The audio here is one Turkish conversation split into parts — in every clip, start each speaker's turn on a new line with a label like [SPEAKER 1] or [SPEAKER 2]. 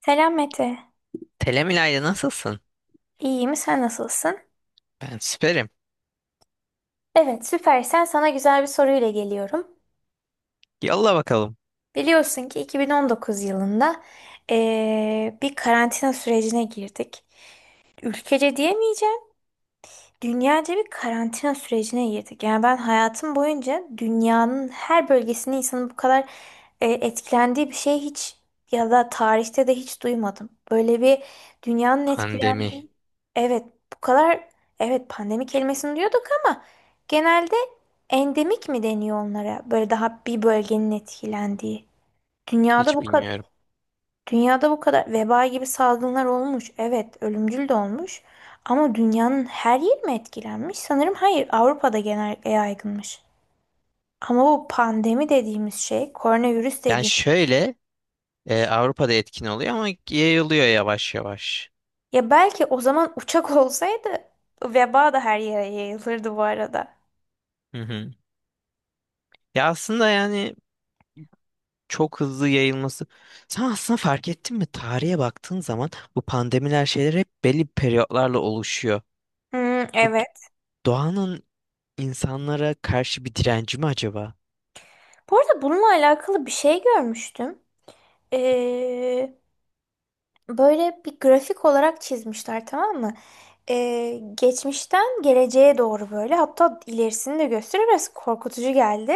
[SPEAKER 1] Selam Mete.
[SPEAKER 2] Selam İlayda, nasılsın?
[SPEAKER 1] İyiyim, sen nasılsın?
[SPEAKER 2] Ben süperim.
[SPEAKER 1] Evet, süpersen sana güzel bir soruyla geliyorum.
[SPEAKER 2] Yolla bakalım.
[SPEAKER 1] Biliyorsun ki 2019 yılında bir karantina sürecine girdik. Ülkece diyemeyeceğim. Dünyaca bir karantina sürecine girdik. Yani ben hayatım boyunca dünyanın her bölgesinde insanın bu kadar etkilendiği bir şey hiç ya da tarihte de hiç duymadım. Böyle bir dünyanın
[SPEAKER 2] Pandemi.
[SPEAKER 1] etkilendiği. Evet, bu kadar evet pandemi kelimesini diyorduk ama genelde endemik mi deniyor onlara? Böyle daha bir bölgenin etkilendiği. Dünyada
[SPEAKER 2] Hiç
[SPEAKER 1] bu
[SPEAKER 2] bilmiyorum.
[SPEAKER 1] kadar Dünyada bu kadar veba gibi salgınlar olmuş. Evet, ölümcül de olmuş. Ama dünyanın her yeri mi etkilenmiş? Sanırım hayır, Avrupa'da genellikle yaygınmış. Ama bu pandemi dediğimiz şey, koronavirüs
[SPEAKER 2] Yani
[SPEAKER 1] dediğim.
[SPEAKER 2] şöyle Avrupa'da etkin oluyor ama yayılıyor yavaş yavaş.
[SPEAKER 1] Ya belki o zaman uçak olsaydı veba da her yere yayılırdı bu arada.
[SPEAKER 2] Hı hı. Ya aslında yani çok hızlı yayılması. Sen aslında fark ettin mi? Tarihe baktığın zaman bu pandemiler şeyler hep belli periyotlarla oluşuyor.
[SPEAKER 1] Hmm,
[SPEAKER 2] Bu
[SPEAKER 1] evet.
[SPEAKER 2] doğanın insanlara karşı bir direnci mi acaba?
[SPEAKER 1] Bu arada bununla alakalı bir şey görmüştüm. Ee, Böyle bir grafik olarak çizmişler, tamam mı? Geçmişten geleceğe doğru böyle, hatta ilerisini de gösteriyor, biraz korkutucu geldi.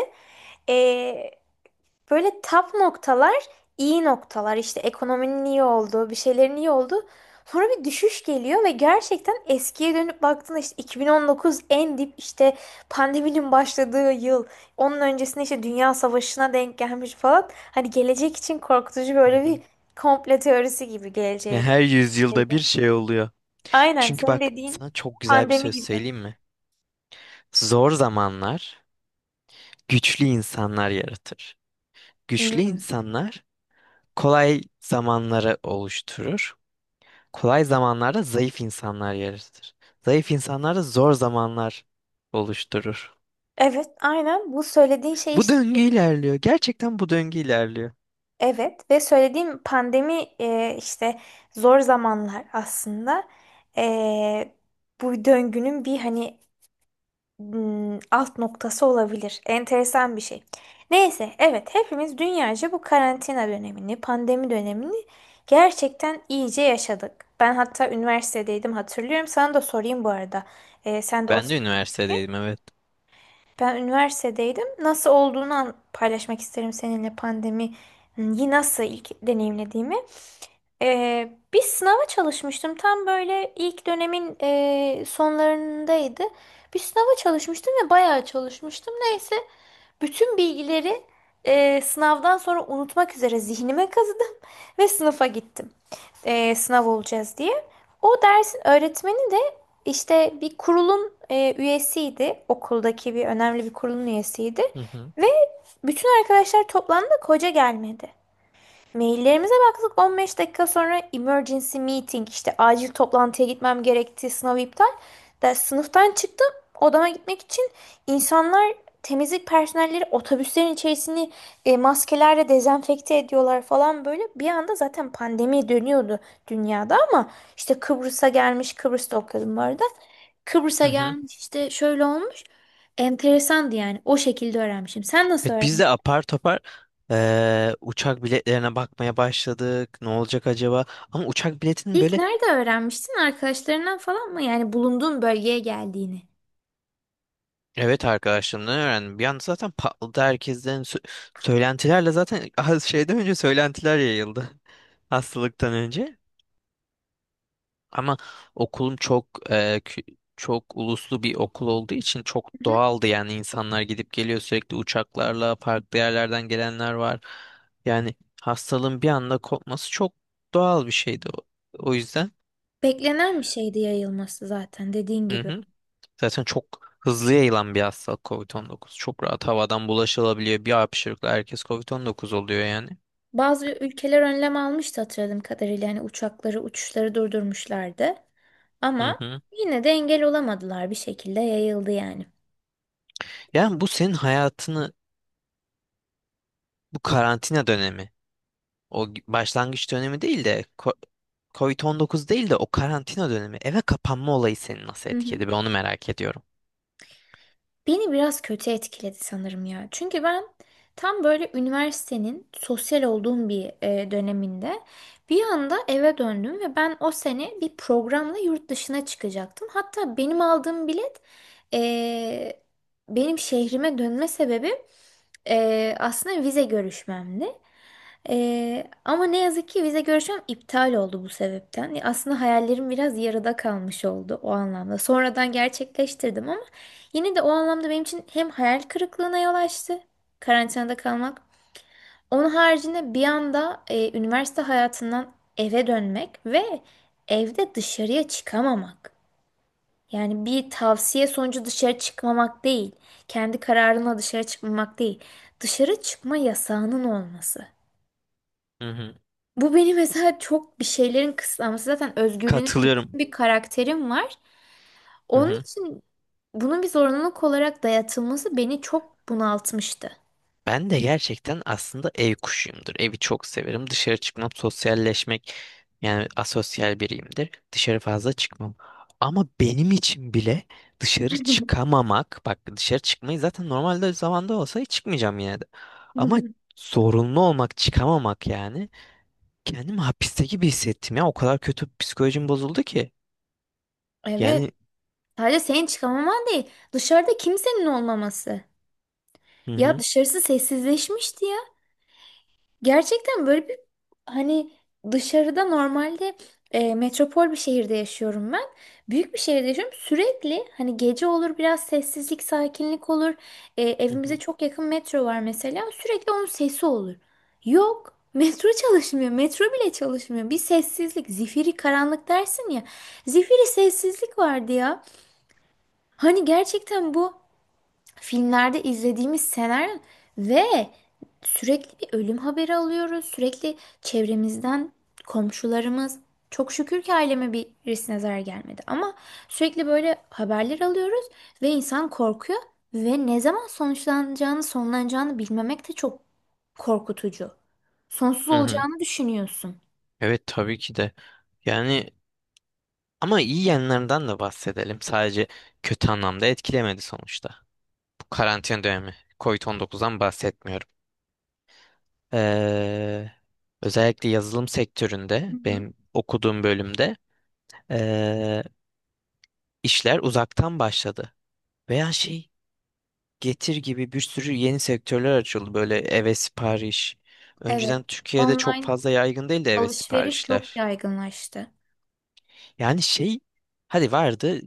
[SPEAKER 1] Böyle tap noktalar, iyi noktalar, işte ekonominin iyi olduğu, bir şeylerin iyi olduğu. Sonra bir düşüş geliyor ve gerçekten eskiye dönüp baktığında işte 2019 en dip, işte pandeminin başladığı yıl. Onun öncesinde işte Dünya Savaşı'na denk gelmiş falan. Hani gelecek için korkutucu
[SPEAKER 2] Hı
[SPEAKER 1] böyle bir
[SPEAKER 2] hı.
[SPEAKER 1] komplo teorisi gibi
[SPEAKER 2] Ya
[SPEAKER 1] geleceğe
[SPEAKER 2] her
[SPEAKER 1] dair.
[SPEAKER 2] yüzyılda bir şey oluyor.
[SPEAKER 1] Aynen
[SPEAKER 2] Çünkü
[SPEAKER 1] senin
[SPEAKER 2] bak
[SPEAKER 1] dediğin
[SPEAKER 2] sana çok güzel bir
[SPEAKER 1] pandemi
[SPEAKER 2] söz
[SPEAKER 1] gibi.
[SPEAKER 2] söyleyeyim mi? Zor zamanlar güçlü insanlar yaratır. Güçlü
[SPEAKER 1] Hı.
[SPEAKER 2] insanlar kolay zamanları oluşturur. Kolay zamanlarda zayıf insanlar yaratır. Zayıf insanlar da zor zamanlar oluşturur.
[SPEAKER 1] Evet, aynen bu söylediğin şey
[SPEAKER 2] Bu
[SPEAKER 1] işte.
[SPEAKER 2] döngü ilerliyor. Gerçekten bu döngü ilerliyor.
[SPEAKER 1] Evet ve söylediğim pandemi işte zor zamanlar aslında. E, Bu döngünün bir hani alt noktası olabilir. Enteresan bir şey. Neyse, evet, hepimiz dünyaca bu karantina dönemini, pandemi dönemini gerçekten iyice yaşadık. Ben hatta üniversitedeydim, hatırlıyorum. Sana da sorayım bu arada. Sen de o,
[SPEAKER 2] Ben de üniversitedeydim, evet.
[SPEAKER 1] ben üniversitedeydim. Nasıl olduğunu paylaşmak isterim seninle pandemiyi nasıl ilk deneyimlediğimi. Bir sınava çalışmıştım. Tam böyle ilk dönemin sonlarındaydı. Bir sınava çalışmıştım ve bayağı çalışmıştım. Neyse, bütün bilgileri sınavdan sonra unutmak üzere zihnime kazıdım ve sınıfa gittim. Sınav olacağız diye. O dersin öğretmeni de işte bir kurulun üyesiydi. Okuldaki bir önemli bir kurulun üyesiydi.
[SPEAKER 2] Hı hı.
[SPEAKER 1] Ve bütün arkadaşlar toplandı, hoca gelmedi. Maillerimize baktık, 15 dakika sonra emergency meeting, işte acil toplantıya gitmem gerekti, sınav iptal. Ders sınıftan çıktım, odama gitmek için, insanlar, temizlik personelleri otobüslerin içerisini maskelerle dezenfekte ediyorlar falan böyle. Bir anda zaten pandemi dönüyordu dünyada ama işte Kıbrıs'a gelmiş, Kıbrıs'ta okuyordum bu arada. Kıbrıs'a
[SPEAKER 2] Hı hı.
[SPEAKER 1] gelmiş, işte şöyle olmuş, enteresandı yani, o şekilde öğrenmişim. Sen nasıl
[SPEAKER 2] Evet, biz de apar topar uçak biletlerine bakmaya başladık. Ne olacak acaba? Ama uçak biletinin
[SPEAKER 1] İlk
[SPEAKER 2] böyle
[SPEAKER 1] nerede öğrenmiştin? Arkadaşlarından falan mı? Yani bulunduğun bölgeye geldiğini.
[SPEAKER 2] evet arkadaşlarımdan öğrendim. Bir anda zaten patladı herkesten söylentilerle zaten az şeyden önce söylentiler yayıldı. Hastalıktan önce. Ama okulum çok çok uluslu bir okul olduğu için
[SPEAKER 1] Hı
[SPEAKER 2] çok
[SPEAKER 1] hı.
[SPEAKER 2] doğaldı, yani insanlar gidip geliyor sürekli, uçaklarla farklı yerlerden gelenler var. Yani hastalığın bir anda kopması çok doğal bir şeydi o, o yüzden.
[SPEAKER 1] Beklenen bir şeydi yayılması zaten, dediğin
[SPEAKER 2] Hı
[SPEAKER 1] gibi.
[SPEAKER 2] hı. Zaten çok hızlı yayılan bir hastalık covid-19. Çok rahat havadan bulaşılabiliyor. Bir hapşırıkla herkes covid-19 oluyor yani.
[SPEAKER 1] Bazı ülkeler önlem almıştı hatırladığım kadarıyla. Yani uçakları, uçuşları durdurmuşlardı.
[SPEAKER 2] Hı
[SPEAKER 1] Ama
[SPEAKER 2] hı.
[SPEAKER 1] yine de engel olamadılar, bir şekilde yayıldı yani.
[SPEAKER 2] Yani bu senin hayatını, bu karantina dönemi, o başlangıç dönemi değil de covid-19 değil de o karantina dönemi, eve kapanma olayı seni nasıl
[SPEAKER 1] Hı hı.
[SPEAKER 2] etkiledi? Ben onu merak ediyorum.
[SPEAKER 1] Beni biraz kötü etkiledi sanırım ya. Çünkü ben tam böyle üniversitenin sosyal olduğum bir döneminde bir anda eve döndüm ve ben o sene bir programla yurt dışına çıkacaktım. Hatta benim aldığım bilet, e, benim şehrime dönme sebebi aslında vize görüşmemdi. Ama ne yazık ki vize görüşmem iptal oldu bu sebepten. Aslında hayallerim biraz yarıda kalmış oldu o anlamda. Sonradan gerçekleştirdim ama yine de o anlamda benim için hem hayal kırıklığına yol açtı, karantinada kalmak. Onun haricinde bir anda üniversite hayatından eve dönmek ve evde dışarıya çıkamamak. Yani bir tavsiye sonucu dışarı çıkmamak değil, kendi kararına dışarı çıkmamak değil, dışarı çıkma yasağının olması.
[SPEAKER 2] Hı hı.
[SPEAKER 1] Bu beni mesela çok, bir şeylerin kısıtlaması. Zaten özgürlüğüne düşkün
[SPEAKER 2] Katılıyorum.
[SPEAKER 1] bir karakterim var.
[SPEAKER 2] Hı
[SPEAKER 1] Onun
[SPEAKER 2] hı.
[SPEAKER 1] için bunun bir zorunluluk olarak dayatılması beni çok bunaltmıştı.
[SPEAKER 2] Ben de gerçekten aslında ev kuşuyumdur. Evi çok severim. Dışarı çıkmam, sosyalleşmek, yani asosyal biriyimdir. Dışarı fazla çıkmam. Ama benim için bile dışarı çıkamamak, bak dışarı çıkmayı zaten normalde zamanda olsa hiç çıkmayacağım yine de. Ama zorunlu olmak, çıkamamak, yani kendimi hapiste gibi hissettim ya. O kadar kötü psikolojim bozuldu ki.
[SPEAKER 1] Evet.
[SPEAKER 2] Yani
[SPEAKER 1] Sadece senin çıkamaman değil. Dışarıda kimsenin olmaması.
[SPEAKER 2] hı
[SPEAKER 1] Ya
[SPEAKER 2] hı,
[SPEAKER 1] dışarısı sessizleşmişti ya. Gerçekten böyle bir, hani, dışarıda normalde, metropol bir şehirde yaşıyorum ben. Büyük bir şehirde yaşıyorum. Sürekli hani gece olur biraz sessizlik, sakinlik olur.
[SPEAKER 2] hı
[SPEAKER 1] Evimize
[SPEAKER 2] hı.
[SPEAKER 1] çok yakın metro var mesela. Sürekli onun sesi olur. Yok. Metro çalışmıyor. Metro bile çalışmıyor. Bir sessizlik. Zifiri karanlık dersin ya. Zifiri sessizlik vardı ya. Hani gerçekten bu filmlerde izlediğimiz senaryo ve sürekli bir ölüm haberi alıyoruz. Sürekli çevremizden, komşularımız. Çok şükür ki aileme, birisine zarar gelmedi. Ama sürekli böyle haberler alıyoruz ve insan korkuyor. Ve ne zaman sonuçlanacağını, sonlanacağını bilmemek de çok korkutucu. Sonsuz
[SPEAKER 2] Hı hı.
[SPEAKER 1] olacağını düşünüyorsun.
[SPEAKER 2] Evet tabii ki de. Yani ama iyi yanlarından da bahsedelim. Sadece kötü anlamda etkilemedi sonuçta. Bu karantina dönemi. Covid-19'dan bahsetmiyorum. Ee, özellikle yazılım
[SPEAKER 1] Hı
[SPEAKER 2] sektöründe
[SPEAKER 1] hı.
[SPEAKER 2] benim okuduğum bölümde ee, işler uzaktan başladı. Veya şey, Getir gibi bir sürü yeni sektörler açıldı. Böyle eve sipariş.
[SPEAKER 1] Evet.
[SPEAKER 2] Önceden Türkiye'de çok
[SPEAKER 1] Online
[SPEAKER 2] fazla yaygın değildi eve
[SPEAKER 1] alışveriş çok
[SPEAKER 2] siparişler.
[SPEAKER 1] yaygınlaştı.
[SPEAKER 2] Yani şey, hadi vardı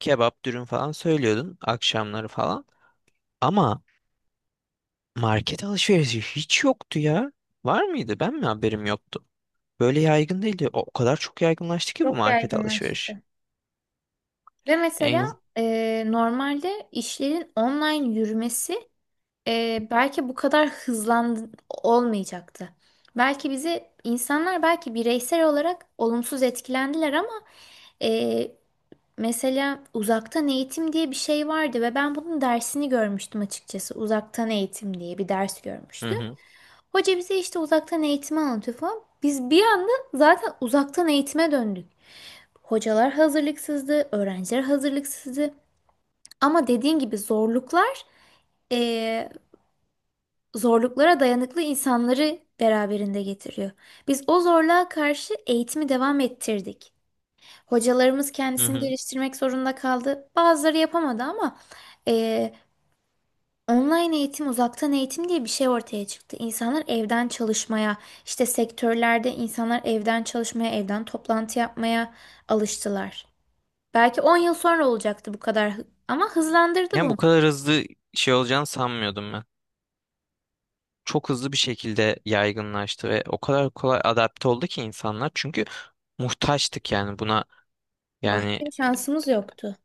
[SPEAKER 2] kebap dürüm falan söylüyordun akşamları falan. Ama market alışverişi hiç yoktu ya. Var mıydı? Ben mi haberim yoktu? Böyle yaygın değildi. O kadar çok yaygınlaştı ki bu
[SPEAKER 1] Çok
[SPEAKER 2] market alışveriş
[SPEAKER 1] yaygınlaştı. Ve mesela
[SPEAKER 2] en...
[SPEAKER 1] normalde işlerin online yürümesi belki bu kadar hızlandı olmayacaktı. Belki bizi insanlar belki bireysel olarak olumsuz etkilendiler ama, mesela uzaktan eğitim diye bir şey vardı ve ben bunun dersini görmüştüm açıkçası. Uzaktan eğitim diye bir ders
[SPEAKER 2] Hı
[SPEAKER 1] görmüştüm.
[SPEAKER 2] hı,
[SPEAKER 1] Hoca bize işte uzaktan eğitimi anlatıyor falan. Biz bir anda zaten uzaktan eğitime döndük. Hocalar hazırlıksızdı, öğrenciler hazırlıksızdı. Ama dediğin gibi zorluklar, eee, zorluklara dayanıklı insanları beraberinde getiriyor. Biz o zorluğa karşı eğitimi devam ettirdik. Hocalarımız
[SPEAKER 2] hı
[SPEAKER 1] kendisini
[SPEAKER 2] hı.
[SPEAKER 1] geliştirmek zorunda kaldı. Bazıları yapamadı ama eee, online eğitim, uzaktan eğitim diye bir şey ortaya çıktı. İnsanlar evden çalışmaya, işte sektörlerde insanlar evden çalışmaya, evden toplantı yapmaya alıştılar. Belki 10 yıl sonra olacaktı bu kadar, ama hızlandırdı
[SPEAKER 2] Yani bu
[SPEAKER 1] bunu.
[SPEAKER 2] kadar hızlı şey olacağını sanmıyordum ben. Çok hızlı bir şekilde yaygınlaştı ve o kadar kolay adapte oldu ki insanlar. Çünkü muhtaçtık yani buna.
[SPEAKER 1] Başka
[SPEAKER 2] Yani
[SPEAKER 1] bir şansımız yoktu.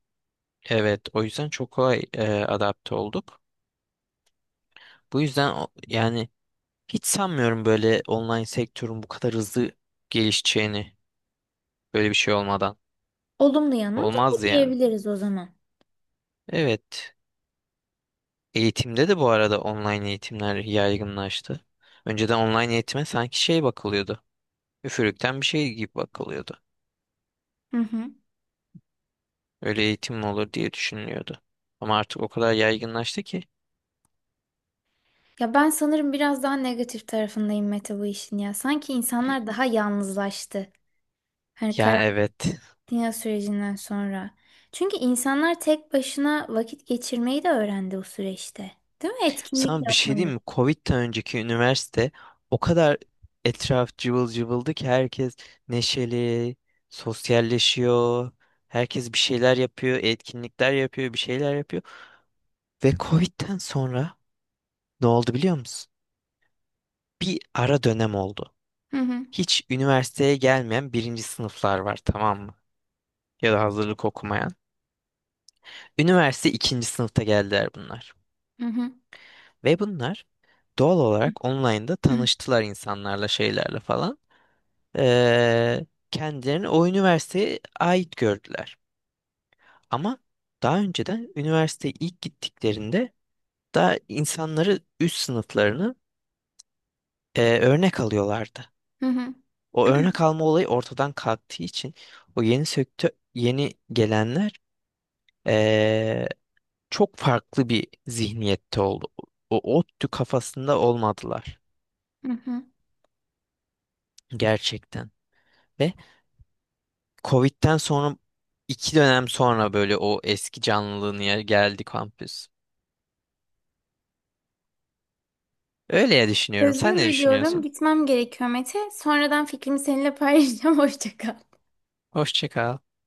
[SPEAKER 2] evet, o yüzden çok kolay adapte olduk. Bu yüzden yani hiç sanmıyorum böyle online sektörün bu kadar hızlı gelişeceğini böyle bir şey olmadan.
[SPEAKER 1] Olumlu yanını da bu
[SPEAKER 2] Olmaz yani.
[SPEAKER 1] diyebiliriz o zaman.
[SPEAKER 2] Evet. Eğitimde de bu arada online eğitimler yaygınlaştı. Önceden online eğitime sanki şey bakılıyordu. Üfürükten bir şey gibi bakılıyordu.
[SPEAKER 1] Hı hı.
[SPEAKER 2] Öyle eğitim mi olur diye düşünülüyordu. Ama artık o kadar yaygınlaştı ki.
[SPEAKER 1] Ya ben sanırım biraz daha negatif tarafındayım Mete, bu işin ya. Sanki insanlar daha yalnızlaştı. Hani
[SPEAKER 2] Yani evet.
[SPEAKER 1] Dünya sürecinden sonra. Çünkü insanlar tek başına vakit geçirmeyi de öğrendi o süreçte. Değil mi? Etkinlik
[SPEAKER 2] Sana bir şey
[SPEAKER 1] yapmayı.
[SPEAKER 2] diyeyim mi? Covid'den önceki üniversite o kadar etraf cıvıl cıvıldı ki, herkes neşeli, sosyalleşiyor. Herkes bir şeyler yapıyor, etkinlikler yapıyor, bir şeyler yapıyor. Ve Covid'den sonra ne oldu biliyor musun? Bir ara dönem oldu.
[SPEAKER 1] Hı hı.
[SPEAKER 2] Hiç üniversiteye gelmeyen birinci sınıflar var, tamam mı? Ya da hazırlık okumayan. Üniversite ikinci sınıfta geldiler bunlar.
[SPEAKER 1] Hı hı.
[SPEAKER 2] Ve bunlar doğal olarak online'da tanıştılar insanlarla, şeylerle falan. Ee, kendilerini o üniversiteye ait gördüler. Ama daha önceden üniversiteye ilk gittiklerinde daha insanları, üst sınıflarını örnek alıyorlardı.
[SPEAKER 1] Hı hı.
[SPEAKER 2] O örnek alma olayı ortadan kalktığı için o yeni sektör, yeni gelenler eee, çok farklı bir zihniyette oldu. O ODTÜ kafasında olmadılar
[SPEAKER 1] Hı hı.
[SPEAKER 2] gerçekten. Ve Covid'den sonra 2 dönem sonra böyle o eski canlılığına geldi kampüs. Öyle ya düşünüyorum. Sen
[SPEAKER 1] Sözünü
[SPEAKER 2] ne
[SPEAKER 1] bölüyorum.
[SPEAKER 2] düşünüyorsun?
[SPEAKER 1] Gitmem gerekiyor Mete. Sonradan fikrimi seninle paylaşacağım. Hoşça kal.
[SPEAKER 2] Hoşça kal.